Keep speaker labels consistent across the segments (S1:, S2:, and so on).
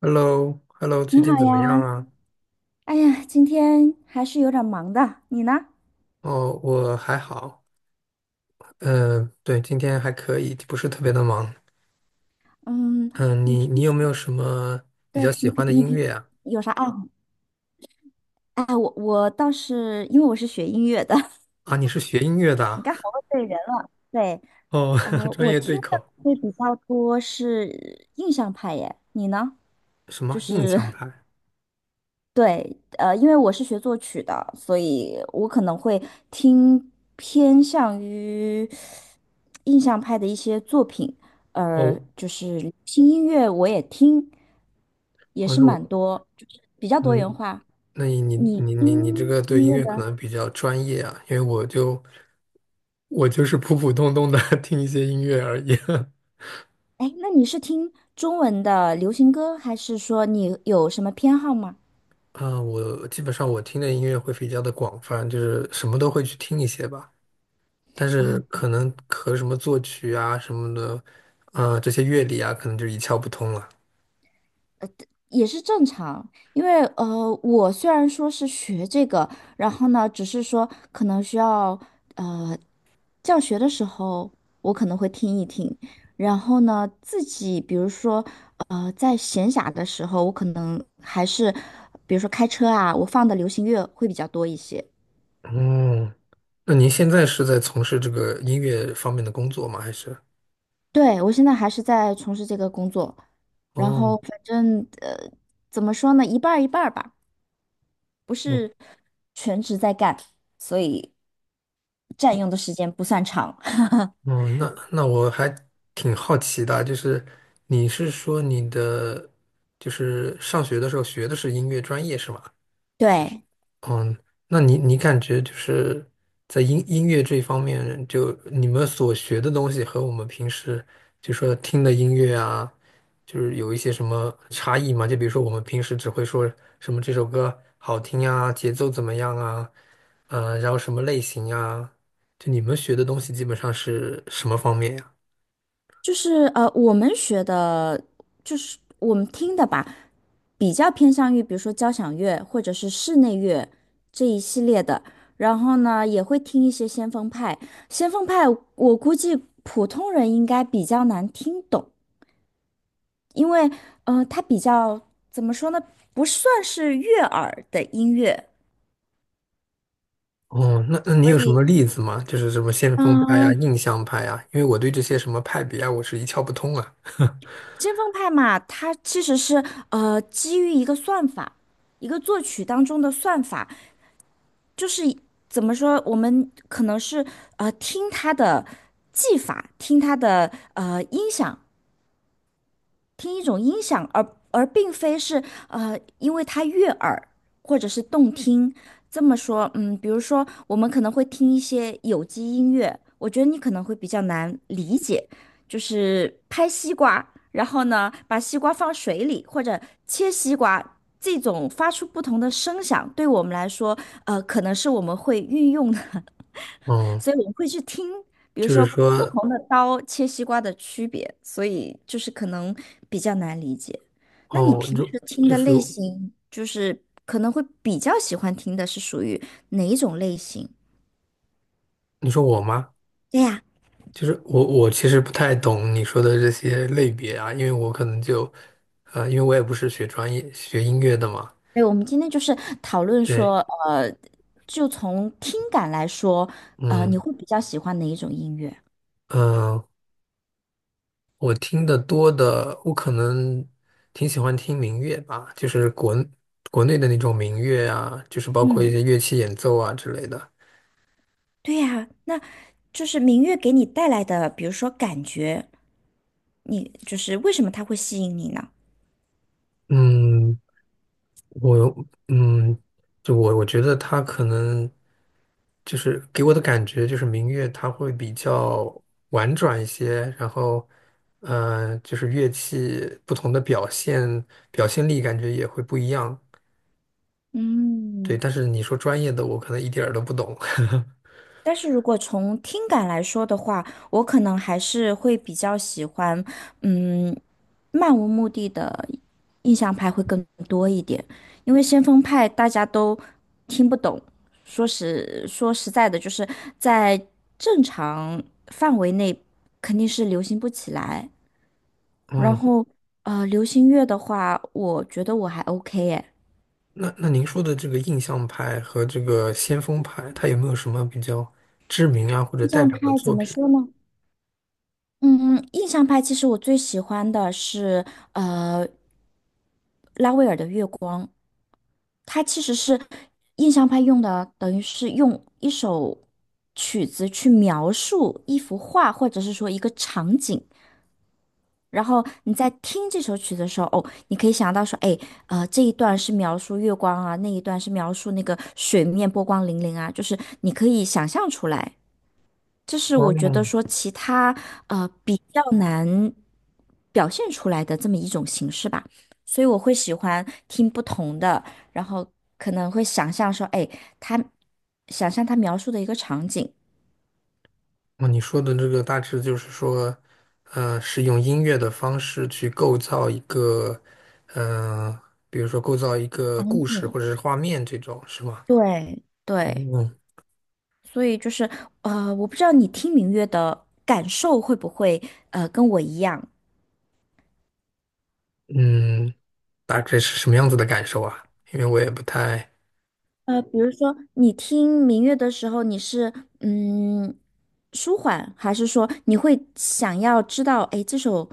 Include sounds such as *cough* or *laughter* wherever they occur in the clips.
S1: Hello,Hello，最
S2: 你好
S1: 近怎么样
S2: 呀，
S1: 啊？
S2: 哎呀，今天还是有点忙的，你呢？
S1: 哦，我还好，嗯、对，今天还可以，不是特别的忙。
S2: 嗯，
S1: 嗯、
S2: 你
S1: 你
S2: 平
S1: 你有
S2: 时，
S1: 没有什么比较
S2: 对，
S1: 喜
S2: 你平
S1: 欢的
S2: 你
S1: 音
S2: 平时
S1: 乐啊？
S2: 有啥爱好？哎，我倒是因为我是学音乐的，*laughs*
S1: 啊，你是学音乐的
S2: 你
S1: 啊。
S2: 刚好问对人了。对，
S1: *laughs* 哦，*laughs* 专
S2: 我
S1: 业
S2: 听
S1: 对
S2: 的
S1: 口。
S2: 会比较多是印象派耶，你呢？
S1: 什
S2: 就
S1: 么印
S2: 是
S1: 象
S2: *laughs*
S1: 派？
S2: 对，因为我是学作曲的，所以我可能会听偏向于印象派的一些作品，
S1: 哦。
S2: 就是新音乐我也听，也
S1: 哦，
S2: 是
S1: 那我，
S2: 蛮多，就是比较多元
S1: 嗯，
S2: 化。
S1: 那你你
S2: 你
S1: 你你你这
S2: 听
S1: 个对
S2: 音
S1: 音
S2: 乐
S1: 乐可
S2: 的，
S1: 能比较专业啊，因为我就是普普通通的 *laughs* 听一些音乐而已。*laughs*
S2: 哎，那你是听中文的流行歌，还是说你有什么偏好吗？
S1: 啊，我基本上我听的音乐会比较的广泛，就是什么都会去听一些吧。但是可能和什么作曲啊什么的，啊、这些乐理啊，可能就一窍不通了。
S2: 也是正常，因为我虽然说是学这个，然后呢，只是说可能需要呃，教学的时候我可能会听一听，然后呢，自己比如说在闲暇的时候，我可能还是比如说开车啊，我放的流行乐会比较多一些。
S1: 嗯，那您现在是在从事这个音乐方面的工作吗？还是？
S2: 对，我现在还是在从事这个工作，然
S1: 哦。
S2: 后反正怎么说呢，一半儿一半儿吧，不
S1: 嗯。
S2: 是。所以。占用的时间不算长。*laughs*
S1: 那我还挺好奇的，就是你是说你的就是上学的时候学的是音乐专业是吗？
S2: 对，
S1: 那你你感觉就是在音乐这一方面，就你们所学的东西和我们平时就说听的音乐啊，就是有一些什么差异吗？就比如说我们平时只会说什么这首歌好听啊，节奏怎么样啊，然后什么类型啊，就你们学的东西基本上是什么方面呀？
S2: 就是我们学的，就是我们听的吧，比较偏向于比如说交响乐或者是室内乐这一系列的。然后呢，也会听一些先锋派。先锋派，我估计普通人应该比较难听懂，因为它比较怎么说呢，不算是悦耳的音乐。
S1: 哦，那那你
S2: 所
S1: 有什么
S2: 以，
S1: 例子吗？就是什么先锋
S2: 嗯，
S1: 派啊、印象派啊，因为我对这些什么派别啊，我是一窍不通啊。*laughs*
S2: 先锋派嘛，它其实是基于一个算法，一个作曲当中的算法，就是怎么说，我们可能是听它的技法，听它的音响，听一种音响，而并非是因为它悦耳或者是动听。这么说，嗯，比如说我们可能会听一些有机音乐，我觉得你可能会比较难理解，就是拍西瓜，然后呢把西瓜放水里或者切西瓜，这种发出不同的声响，对我们来说，可能是我们会运用的
S1: 嗯，
S2: 所以我们会去听，比如
S1: 就是
S2: 说不
S1: 说，
S2: 同的刀切西瓜的区别，所以就是可能比较难理解。那你
S1: 哦，你
S2: 平
S1: 说
S2: 时听
S1: 就
S2: 的
S1: 是
S2: 类型，就是可能会比较喜欢听的是属于哪一种类型？
S1: 你说我吗？
S2: 对呀，
S1: 就是我，我其实不太懂你说的这些类别啊，因为我可能就，因为我也不是学专业学音乐的嘛。
S2: 对，我们今天就是讨论
S1: 对。
S2: 说，呃，就从听感来说，你
S1: 嗯
S2: 会比较喜欢哪一种音乐？
S1: 嗯，呃我听得多的，我可能挺喜欢听民乐吧，就是国内的那种民乐啊，就是包括一
S2: 嗯，
S1: 些乐器演奏啊之类的。
S2: 对呀，那就是民乐给你带来的，比如说感觉，你就是为什么它会吸引你呢？
S1: 嗯，我嗯，就我觉得他可能。就是给我的感觉就是民乐它会比较婉转一些，然后，就是乐器不同的表现力感觉也会不一样。对，
S2: 嗯。
S1: 但是你说专业的，我可能一点儿都不懂。*laughs*
S2: 但是如果从听感来说的话，我可能还是会比较喜欢，嗯，漫无目的的印象派会更多一点，因为先锋派大家都听不懂，说实在的，就是在正常范围内肯定是流行不起来。然
S1: 嗯，
S2: 后，流行乐的话，我觉得我还 OK 诶。
S1: 那那您说的这个印象派和这个先锋派，它有没有什么比较知名啊或者
S2: 印
S1: 代
S2: 象
S1: 表的
S2: 派怎
S1: 作
S2: 么
S1: 品？
S2: 说呢？嗯，印象派其实我最喜欢的是呃拉威尔的《月光》，它其实是印象派用的，等于是用一首曲子去描述一幅画或者是说一个场景，然后你在听这首曲子的时候，哦，你可以想到说，哎，这一段是描述月光啊，那一段是描述那个水面波光粼粼啊，就是你可以想象出来。这是我觉
S1: 哦，
S2: 得说其他比较难表现出来的这么一种形式吧，所以我会喜欢听不同的，然后可能会想象说，哎，他想象他描述的一个场景，
S1: 那你说的这个大致就是说，是用音乐的方式去构造一个，呃，比如说构造一个
S2: 场
S1: 故事
S2: 景，
S1: 或者是画面这种，是吗？
S2: 对对，
S1: 嗯。
S2: 所以就是我不知道你听民乐的感受会不会跟我一样，
S1: 嗯，大致是什么样子的感受啊？因为我也不太，
S2: 比如说你听民乐的时候，你是嗯舒缓，还是说你会想要知道，哎，这首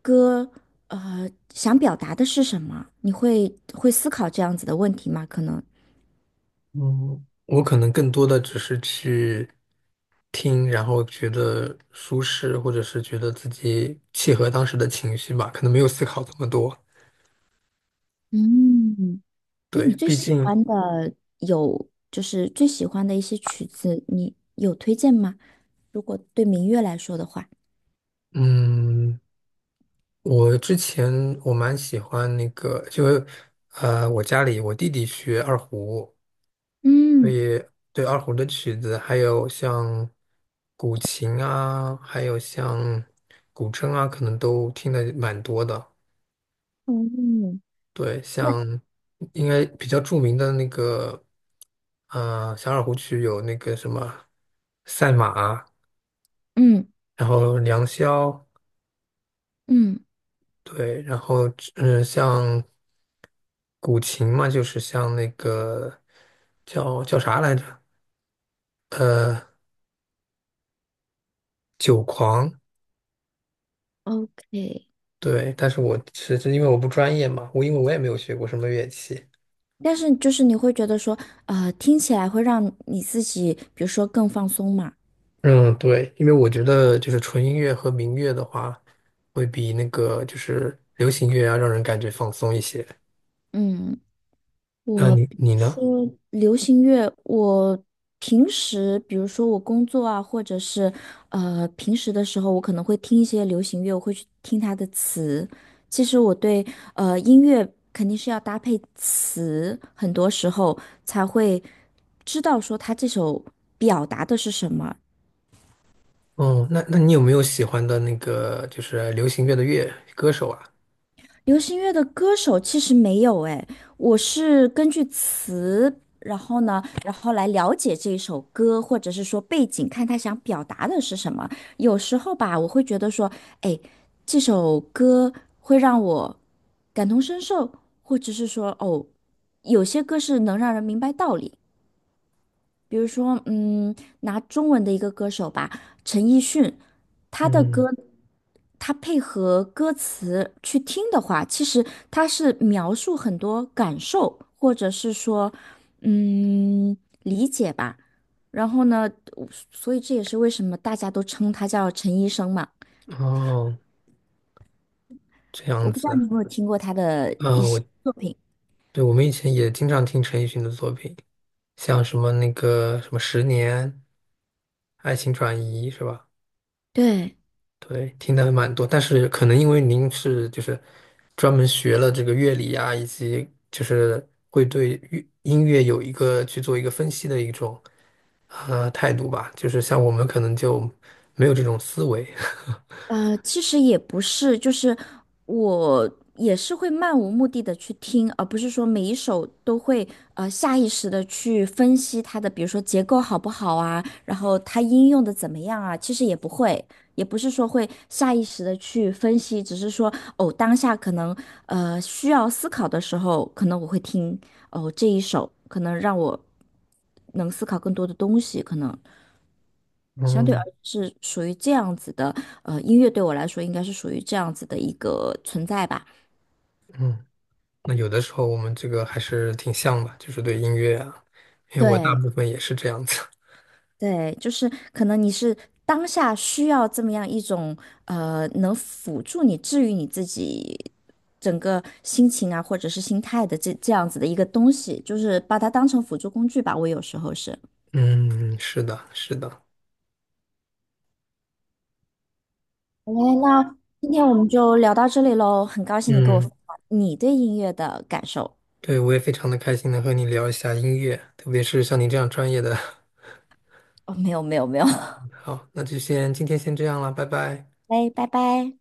S2: 歌呃想表达的是什么？你会会思考这样子的问题吗？可能，
S1: 嗯，我可能更多的只是去听，然后觉得舒适，或者是觉得自己契合当时的情绪吧，可能没有思考这么多。
S2: 嗯，那你
S1: 对，
S2: 最
S1: 毕
S2: 喜
S1: 竟，
S2: 欢的有就是最喜欢的一些曲子，你有推荐吗？如果对民乐来说的话，
S1: 嗯。我之前我蛮喜欢那个，我家里我弟弟学二胡，所
S2: 嗯
S1: 以对二胡的曲子，还有像古琴啊，还有像古筝啊，可能都听的蛮多的。
S2: 嗯
S1: 对，像应该比较著名的那个，小二胡曲有那个什么赛马，
S2: 嗯
S1: 然后良宵。
S2: 嗯
S1: 对，然后像古琴嘛，就是像那个叫叫啥来着？呃，酒狂。
S2: ，OK。
S1: 对，但是我其实因为我不专业嘛，我因为我也没有学过什么乐器。
S2: 但是就是你会觉得说，听起来会让你自己，比如说更放松嘛。
S1: 嗯，对，因为我觉得就是纯音乐和民乐的话，会比那个就是流行乐要让人感觉放松一些。
S2: 嗯，
S1: 那
S2: 我
S1: 你
S2: 比
S1: 你
S2: 如
S1: 呢？
S2: 说流行乐，我平时比如说我工作啊，或者是平时的时候，我可能会听一些流行乐，我会去听它的词。其实我对音乐肯定是要搭配词，很多时候才会知道说它这首表达的是什么，
S1: 哦，那那你有没有喜欢的那个就是流行乐的乐歌手啊？
S2: 流行乐的歌手其实没有哎，我是根据词，然后呢，然后来了解这一首歌，或者是说背景，看他想表达的是什么。有时候吧，我会觉得说，哎，这首歌会让我感同身受，或者是说，哦，有些歌是能让人明白道理，比如说，嗯，拿中文的一个歌手吧，陈奕迅，他的
S1: 嗯，
S2: 歌，他配合歌词去听的话，其实他是描述很多感受，或者是说，嗯，理解吧。然后呢，我所以这也是为什么大家都称他叫陈医生嘛。
S1: 哦，这
S2: 我
S1: 样
S2: 不知道你
S1: 子。
S2: 有没有听过他的一
S1: 嗯，
S2: 些
S1: 我
S2: 作品。
S1: 对我们以前也经常听陈奕迅的作品，像什么那个什么《十年》《爱情转移》是吧？
S2: 对。
S1: 对，听的还蛮多，但是可能因为您是就是专门学了这个乐理啊，以及就是会对乐音乐有一个去做一个分析的一种态度吧，就是像我们可能就没有这种思维。*laughs*
S2: 其实也不是，就是我也是会漫无目的的去听，而不是说每一首都会下意识的去分析它的，比如说结构好不好啊，然后它应用的怎么样啊，其实也不会，也不是说会下意识的去分析，只是说哦，当下可能需要思考的时候，可能我会听哦这一首，可能让我能思考更多的东西，可能。相对
S1: 嗯
S2: 而言是属于这样子的，音乐对我来说应该是属于这样子的一个存在吧。
S1: 嗯，那有的时候我们这个还是挺像的，就是对音乐啊，因为我大
S2: 对
S1: 部分也是这样子。
S2: 对，就是可能你是当下需要这么样一种能辅助你治愈你自己整个心情啊，或者是心态的这样子的一个东西，就是把它当成辅助工具吧。我有时候是。
S1: 嗯，是的，是的，
S2: 好嘞，那今天我们就聊到这里喽，很高兴你跟我
S1: 嗯，
S2: 分享你对音乐的感受。
S1: 对，我也非常的开心能和你聊一下音乐，特别是像你这样专业的。
S2: 哦，没有没有没有，*laughs*
S1: *laughs* 好，那就先今天先这样了，拜拜。
S2: 哎，拜拜。